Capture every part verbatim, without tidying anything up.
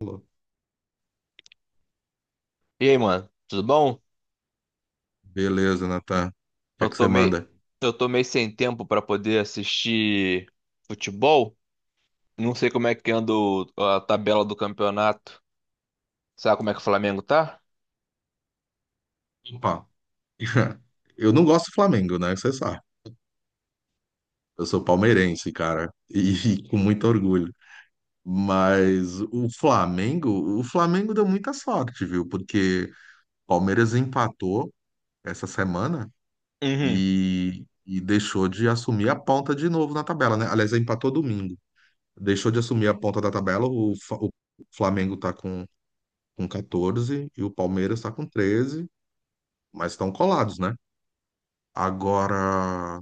Falou. E aí, mano, tudo bom? Beleza, Natan. O que é Eu que você tomei, manda? eu tomei sem tempo pra poder assistir futebol. Não sei como é que anda o- a tabela do campeonato. Sabe como é que o Flamengo tá? Opa. Eu não gosto do Flamengo, né? Você sabe. Eu sou palmeirense, cara. E com muito orgulho. Mas o Flamengo, o Flamengo deu muita sorte, viu? Porque o Palmeiras empatou essa semana Uhum. e, e deixou de assumir a ponta de novo na tabela, né? Aliás, empatou domingo. Deixou de assumir a ponta da tabela. O, Fa- o Flamengo tá com, com catorze e o Palmeiras tá com treze, mas estão colados, né? Agora,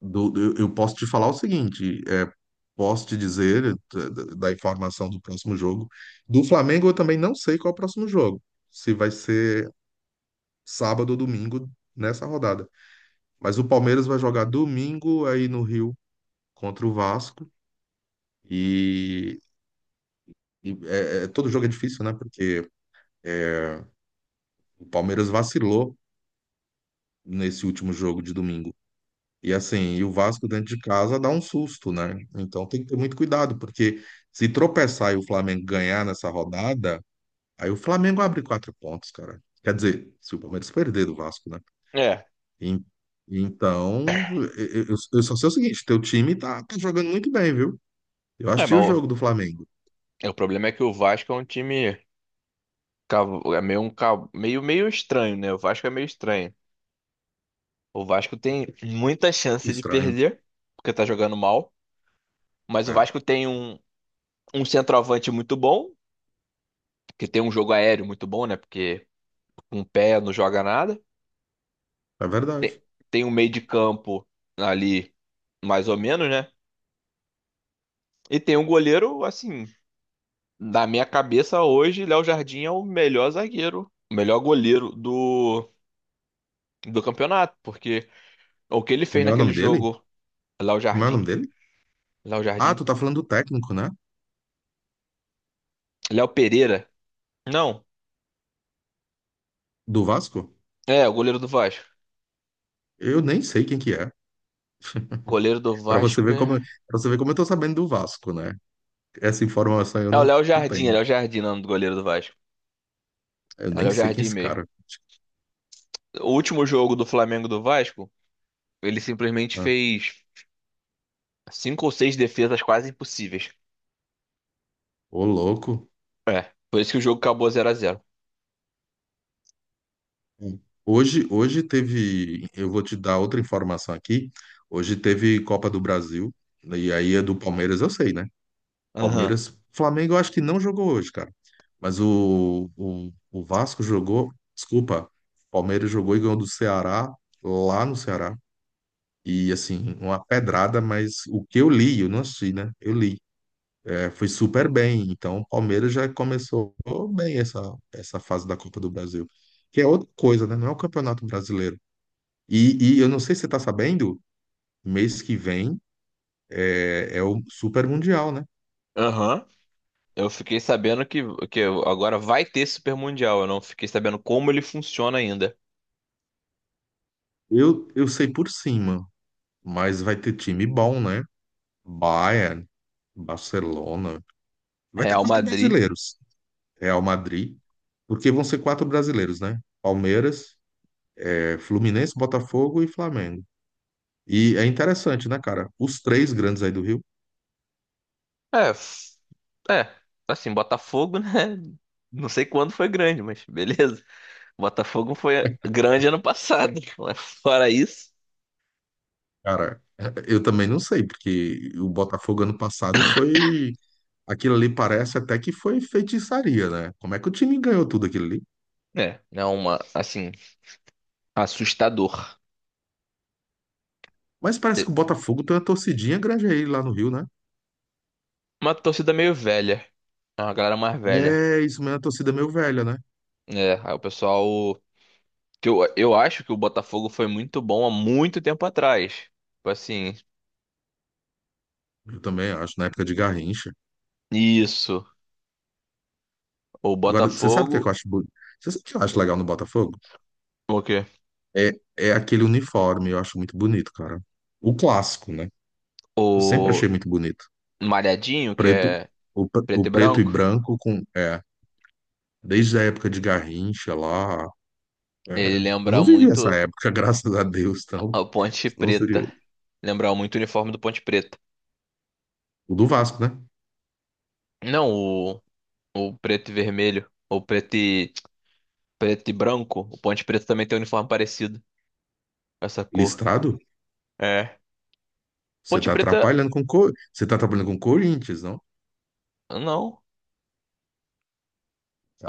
do- do- eu posso te falar o seguinte, é, posso te dizer, é, da, da- da informação do próximo jogo. Do Flamengo, eu também não sei qual é o próximo jogo, se vai ser sábado ou domingo nessa rodada. Mas o Palmeiras vai jogar domingo aí no Rio contra o Vasco. E, e é- é- todo jogo é difícil, né? Porque é, o Palmeiras vacilou nesse último jogo de domingo. E assim, e o Vasco dentro de casa dá um susto, né? Então tem que ter muito cuidado, porque se tropeçar e o Flamengo ganhar nessa rodada, aí o Flamengo abre quatro pontos, cara. Quer dizer, se o Palmeiras perder do Vasco, né? É. Em- Então, eu, eu- eu só sei o seguinte, teu time tá, tá jogando muito bem, viu? Eu É, assisti mas o o, jogo do Flamengo. é, o problema é que o Vasco é um time cav- é meio um cav- meio meio estranho, né? O Vasco é meio estranho. O Vasco tem muita chance de Estranho. perder, porque tá jogando mal. Mas o É, Vasco tem um, um centroavante muito bom, que tem um jogo aéreo muito bom, né? Porque com o pé não joga nada. é Tem, verdade. tem um meio de campo ali, mais ou menos, né? E tem um goleiro, assim, na minha cabeça hoje, Léo Jardim é o melhor zagueiro, o melhor goleiro do, do campeonato. Porque o que ele fez Como é o naquele nome dele? jogo, Léo Como é o nome Jardim, dele? Léo Ah, Jardim, tu tá falando do técnico, né? Léo Pereira. Não, Do Vasco? é, o goleiro do Vasco. Eu nem sei quem que é. Goleiro do Pra você Vasco ver é. como, pra você ver como eu tô sabendo do Vasco, né? Essa informação eu É o não, Léo não Jardim, é tenho. Léo Jardim, não, do goleiro do Vasco. Eu É o nem Léo sei quem é Jardim esse mesmo. cara. O último jogo do Flamengo do Vasco, ele simplesmente Ah, fez cinco ou seis defesas quase impossíveis. ô, louco. É, por isso que o jogo acabou zero a zero. Hoje, hoje teve. Eu vou te dar outra informação aqui. Hoje teve Copa do Brasil. Né, e aí é do Palmeiras, eu sei, né? Aham. Palmeiras. Flamengo, eu acho que não jogou hoje, cara. Mas o, o, o Vasco jogou. Desculpa. Palmeiras jogou e ganhou do Ceará, lá no Ceará. E assim, uma pedrada, mas o que eu li, eu não assisti, né? Eu li. Foi super bem. Então, o Palmeiras já começou bem essa, essa fase da Copa do Brasil, que é outra coisa, né? Não é o Campeonato Brasileiro. E, e eu não sei se você está sabendo, mês que vem é, é o Super Mundial, né? Aham. Eu fiquei sabendo que, que agora vai ter Super Mundial. Eu não fiquei sabendo como ele funciona ainda. Eu, eu sei por cima, mas vai ter time bom, né? Bayern, Barcelona. Vai ter Real quatro Madrid. brasileiros. Real Madrid, porque vão ser quatro brasileiros, né? Palmeiras, é, Fluminense, Botafogo e Flamengo. E é interessante, né, cara? Os três grandes aí do Rio. É, f- é, assim, Botafogo, né? Não sei quando foi grande, mas beleza. O Botafogo foi grande ano passado, mas fora isso, Cara, eu também não sei, porque o Botafogo ano passado foi. Aquilo ali parece até que foi feitiçaria, né? Como é que o time ganhou tudo aquilo ali? é, é uma, assim, assustador. Mas É parece que o Botafogo tem uma torcidinha grande aí lá no Rio, né? uma torcida meio velha, é uma galera mais velha. É, isso mesmo, é uma torcida meio velha, né? É, aí o pessoal, que eu, eu acho que o Botafogo foi muito bom há muito tempo atrás. Tipo assim, Eu também acho, na época de Garrincha. isso, o Agora, você sabe o que é que eu Botafogo, acho bonito? Você sabe o que eu acho legal no Botafogo? o quê? É, é aquele uniforme, eu acho muito bonito, cara. O clássico, né? Eu sempre O achei muito bonito. Malhadinho, que Preto, é o, pre- o preto e preto e branco, branco com. É, Desde a época de Garrincha lá. ele é, eu lembra não vivi essa muito época, graças a Deus, então. a Ponte Senão seria Preta, lembra muito o uniforme do Ponte Preta. o do Vasco, né? Não, ou preto e vermelho. Ou preto e, preto e branco. O Ponte Preta também tem um uniforme parecido com Essa cor. Listrado, É. você Ponte tá Preta. atrapalhando com Co- você tá trabalhando com Corinthians, não? Não.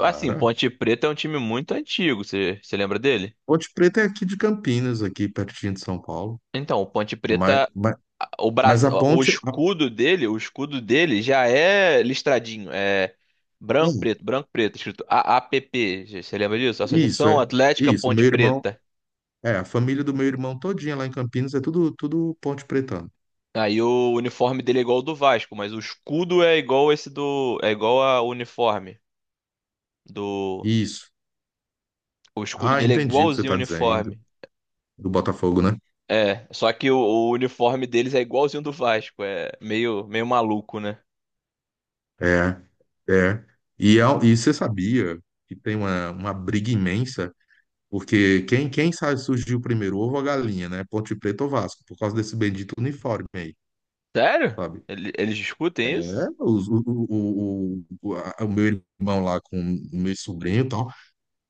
Assim, Ponte Preta é um time muito antigo. Você você lembra dele? Ponte Preta é aqui de Campinas, aqui pertinho de São Paulo. Então, o Ponte Mas, Preta. mas, a- O, mas Bras... a o ponte, a- escudo dele, o escudo dele já é listradinho. É branco, hum, preto, branco, preto, escrito A A P P. Você lembra disso? isso Associação é, Atlética Isso. Meu Ponte irmão, Preta. é, a família do meu irmão todinha lá em Campinas é tudo, tudo Ponte Pretano. Aí o uniforme dele é igual ao do Vasco, mas o escudo é igual esse do. É igual ao uniforme. Do. Isso. O escudo Ah, dele é entendi o que você igualzinho o tá dizendo uniforme. do Botafogo, né? É, só que o, o uniforme deles é igualzinho do Vasco. É meio, meio maluco, né? É, é. E, é- um, e você sabia que tem uma, uma briga imensa, porque quem, quem sabe surgiu primeiro, ovo ou a galinha, né? Ponte Preta ou Vasco, por causa desse bendito uniforme aí, Sério? sabe? Ele- Eles É, discutem isso? os- o, o, o, o, a- o meu irmão lá com o meu sobrinho,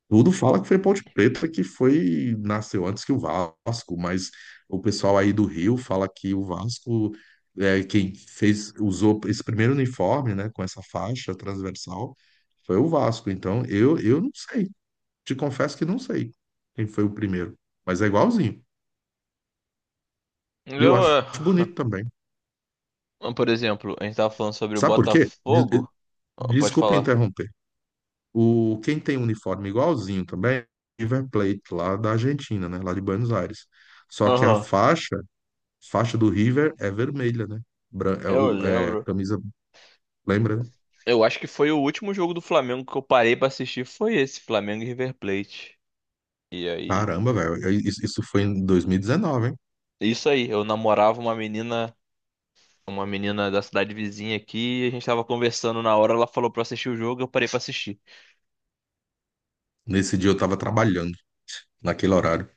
tudo fala que foi Ponte Preta que foi nasceu antes que o Vasco, mas o pessoal aí do Rio fala que o Vasco é quem fez usou esse primeiro uniforme, né, com essa faixa transversal, foi o Vasco. Então, eu eu não sei. Te confesso que não sei quem foi o primeiro, mas é igualzinho. E eu Eu, acho é, bonito também. por exemplo, a gente tava falando sobre o Sabe por quê? Des- eh, Botafogo. Ah, Pode Desculpa falar. interromper. O Quem tem uniforme igualzinho também é o River Plate lá da Argentina, né, lá de Buenos Aires. Só que a Aham, faixa Faixa do River é vermelha, né? Bran- É, eu o- é lembro. camisa, lembra, né? Eu acho que foi o último jogo do Flamengo que eu parei pra assistir. Foi esse, Flamengo e River Plate. E aí. Caramba, velho. eu- Isso, isso foi em dois mil e dezenove, hein? Isso aí, eu namorava uma menina uma menina da cidade vizinha aqui, e a gente tava conversando na hora, ela falou pra eu assistir o jogo, eu parei pra assistir. Nesse dia eu tava trabalhando, naquele horário.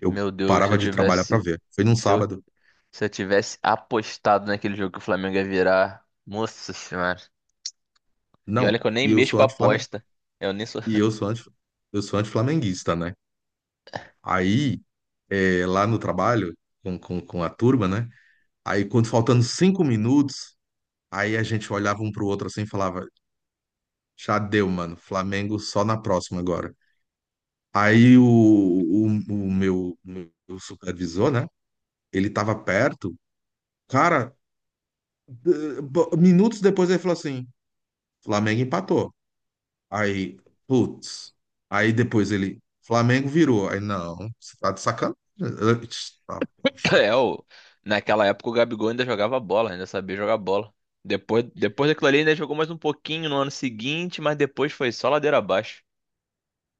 Eu Meu Deus, se parava eu de trabalhar pra tivesse, ver. Foi num se eu, sábado. se eu tivesse apostado naquele jogo que o Flamengo ia virar, nossa senhora. E olha que Não, eu nem e eu mexo com sou anti-flamengu... aposta. Eu nem sou. E eu sou anti... eu sou anti-flamenguista, né? Aí, é, lá no trabalho, com, com, com a turma, né? Aí, quando faltando cinco minutos, aí a gente olhava um pro outro assim e falava, já deu, mano. Flamengo só na próxima agora. Aí o, o, o meu, meu supervisor, né? Ele tava perto. Cara, eh, bo- minutos depois ele falou assim: Flamengo empatou. Aí, putz. Aí depois ele, Flamengo virou. Aí, não, você tá de sacanagem. Eu, "Tch, tá, poxa. É, o naquela época o Gabigol ainda jogava bola, ainda sabia jogar bola. Depois, depois daquilo ali, ainda jogou mais um pouquinho no ano seguinte, mas depois foi só ladeira abaixo.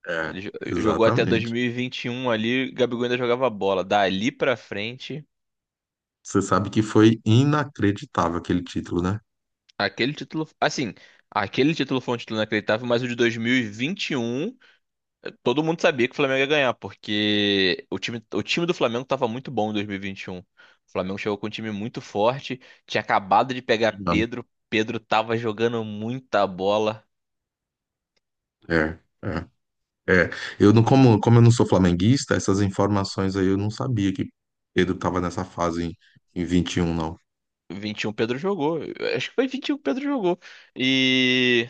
É, Ele jo- jogou até dois exatamente. mil e e vinte e um ali, Gabigol ainda jogava bola. Dali pra frente. Você sabe que foi inacreditável aquele título, né? Aquele título, assim, aquele título foi um título inacreditável, mas o de dois mil e vinte e um, todo mundo sabia que o Flamengo ia ganhar, porque o time, o time do Flamengo estava muito bom em dois mil e vinte e um. O Flamengo chegou com um time muito forte, tinha acabado de pegar Não. Pedro, Pedro tava jogando muita bola. É, é. É, eu não, como, como eu não sou flamenguista, essas informações aí eu não sabia que Pedro estava nessa fase em, em vinte e um, não. vinte e um Pedro jogou, eu acho que foi vinte e um que Pedro jogou. E,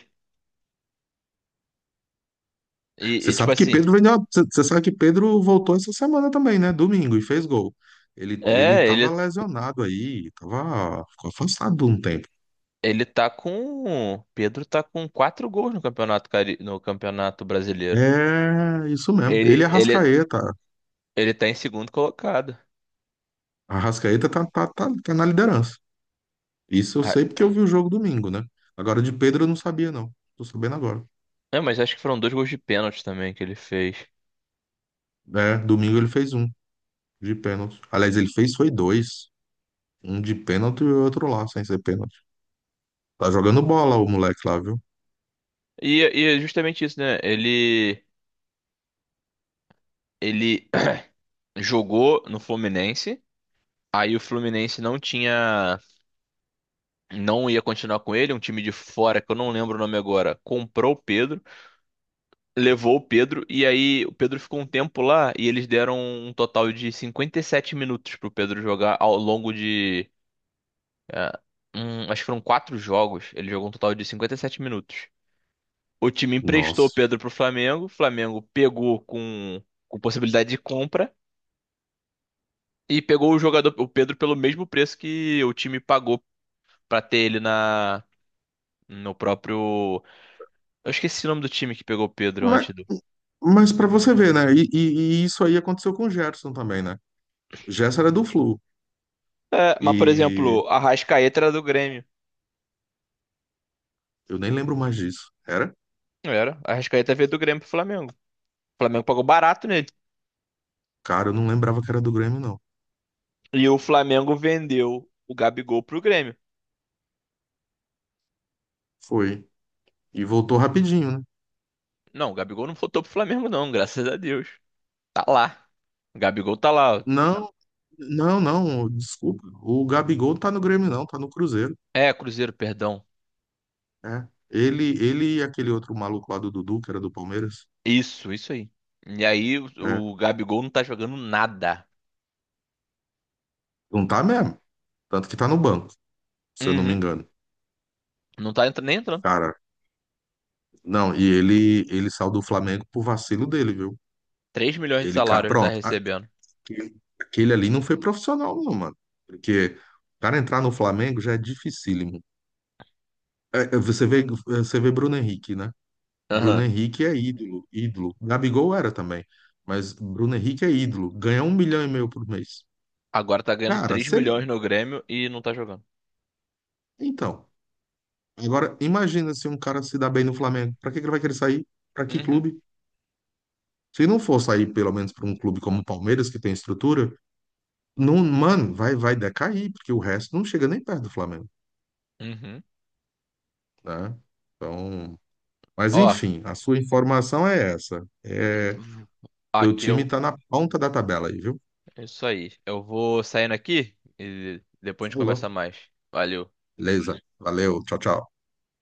e, Você e, tipo sabe que assim, Pedro vendeu, você você sabe que Pedro voltou essa semana também, né? Domingo, e fez gol. Ele, ele é, estava ele lesionado aí, estava afastado um tempo. ele tá com, Pedro tá com quatro gols no campeonato cari- no campeonato brasileiro. É, isso mesmo. Ele, Ele e ele, Arrascaeta. Ele tá em segundo colocado. Arrascaeta tá, tá, tá, tá na liderança. Isso eu Ah, sei porque eu vi o jogo domingo, né? Agora de Pedro eu não sabia, não. Tô sabendo agora. é, mas acho que foram dois gols de pênalti também que ele fez. É, domingo ele fez um de pênalti. Aliás, ele fez foi dois. Um de pênalti e o outro lá, sem ser pênalti. Tá jogando bola o moleque lá, viu? E, e é justamente isso, né? Ele, ele jogou no Fluminense. Aí o Fluminense não tinha, não ia continuar com ele, um time de fora que eu não lembro o nome agora, comprou o Pedro, levou o Pedro e aí o Pedro ficou um tempo lá e eles deram um total de cinquenta e sete minutos pro Pedro jogar ao longo de, ah, um- acho que foram quatro jogos, ele jogou um total de cinquenta e sete minutos. O time emprestou o Nossa. Pedro pro Flamengo, o Flamengo pegou com, com, possibilidade de compra e pegou o jogador, o Pedro, pelo mesmo preço que o time pagou pra ter ele na no próprio. Eu esqueci o nome do time que pegou o Pedro Mas, antes do. mas para você ver, né? E, e- e isso aí aconteceu com o Gerson também, né? O Gerson era do Flu. É, mas, por E exemplo, a Arrascaeta era do Grêmio. eu nem lembro mais disso. Era? Não Era. A Arrascaeta veio do Grêmio pro Flamengo. O Flamengo pagou barato nele. Cara, eu não lembrava que era do Grêmio, não. E o Flamengo vendeu o Gabigol pro Grêmio. Foi. E voltou rapidinho, né? Não, o Gabigol não voltou pro Flamengo, não, graças a Deus. Tá lá. O Gabigol tá lá. Não, não, não. Desculpa. O Gabigol não tá no Grêmio, não. Tá no Cruzeiro. É, Cruzeiro, perdão. É. Ele, ele e aquele outro maluco lá do Dudu, que era do Palmeiras. Isso, isso aí. E aí o, É. o Gabigol não tá jogando nada. Não tá mesmo. Tanto que tá no banco, se eu não me Uhum. engano. Não tá entra- nem entrando. Cara, não, e ele, ele saiu do Flamengo por vacilo dele, viu? Três milhões de Ele, ca- salário ele tá pronto, recebendo. aquele, aquele ali não foi profissional, não, mano. Porque o cara entrar no Flamengo já é dificílimo. É, é, você vê, você vê Bruno Henrique, né? Bruno Aham. Henrique é ídolo, ídolo. Gabigol era também, mas Bruno Henrique é ídolo. Ganha um milhão e meio por mês. Agora tá ganhando Cara, três se ele... milhões no Grêmio e não tá jogando. Então, agora imagina se um cara se dá bem no Flamengo. Pra que que ele vai querer sair? Pra que Uhum. clube? Se não for sair pelo menos para um clube como o Palmeiras, que tem estrutura, não, mano, vai, vai decair, porque o resto não chega nem perto do Flamengo, Uhum. né? Então, mas Ó, enfim, a sua informação é essa. É, teu aqui time eu. tá na ponta da tabela aí, viu? Isso aí. Eu vou saindo aqui e depois a gente conversa Falou. mais. Valeu. Beleza. Valeu. Tchau, tchau.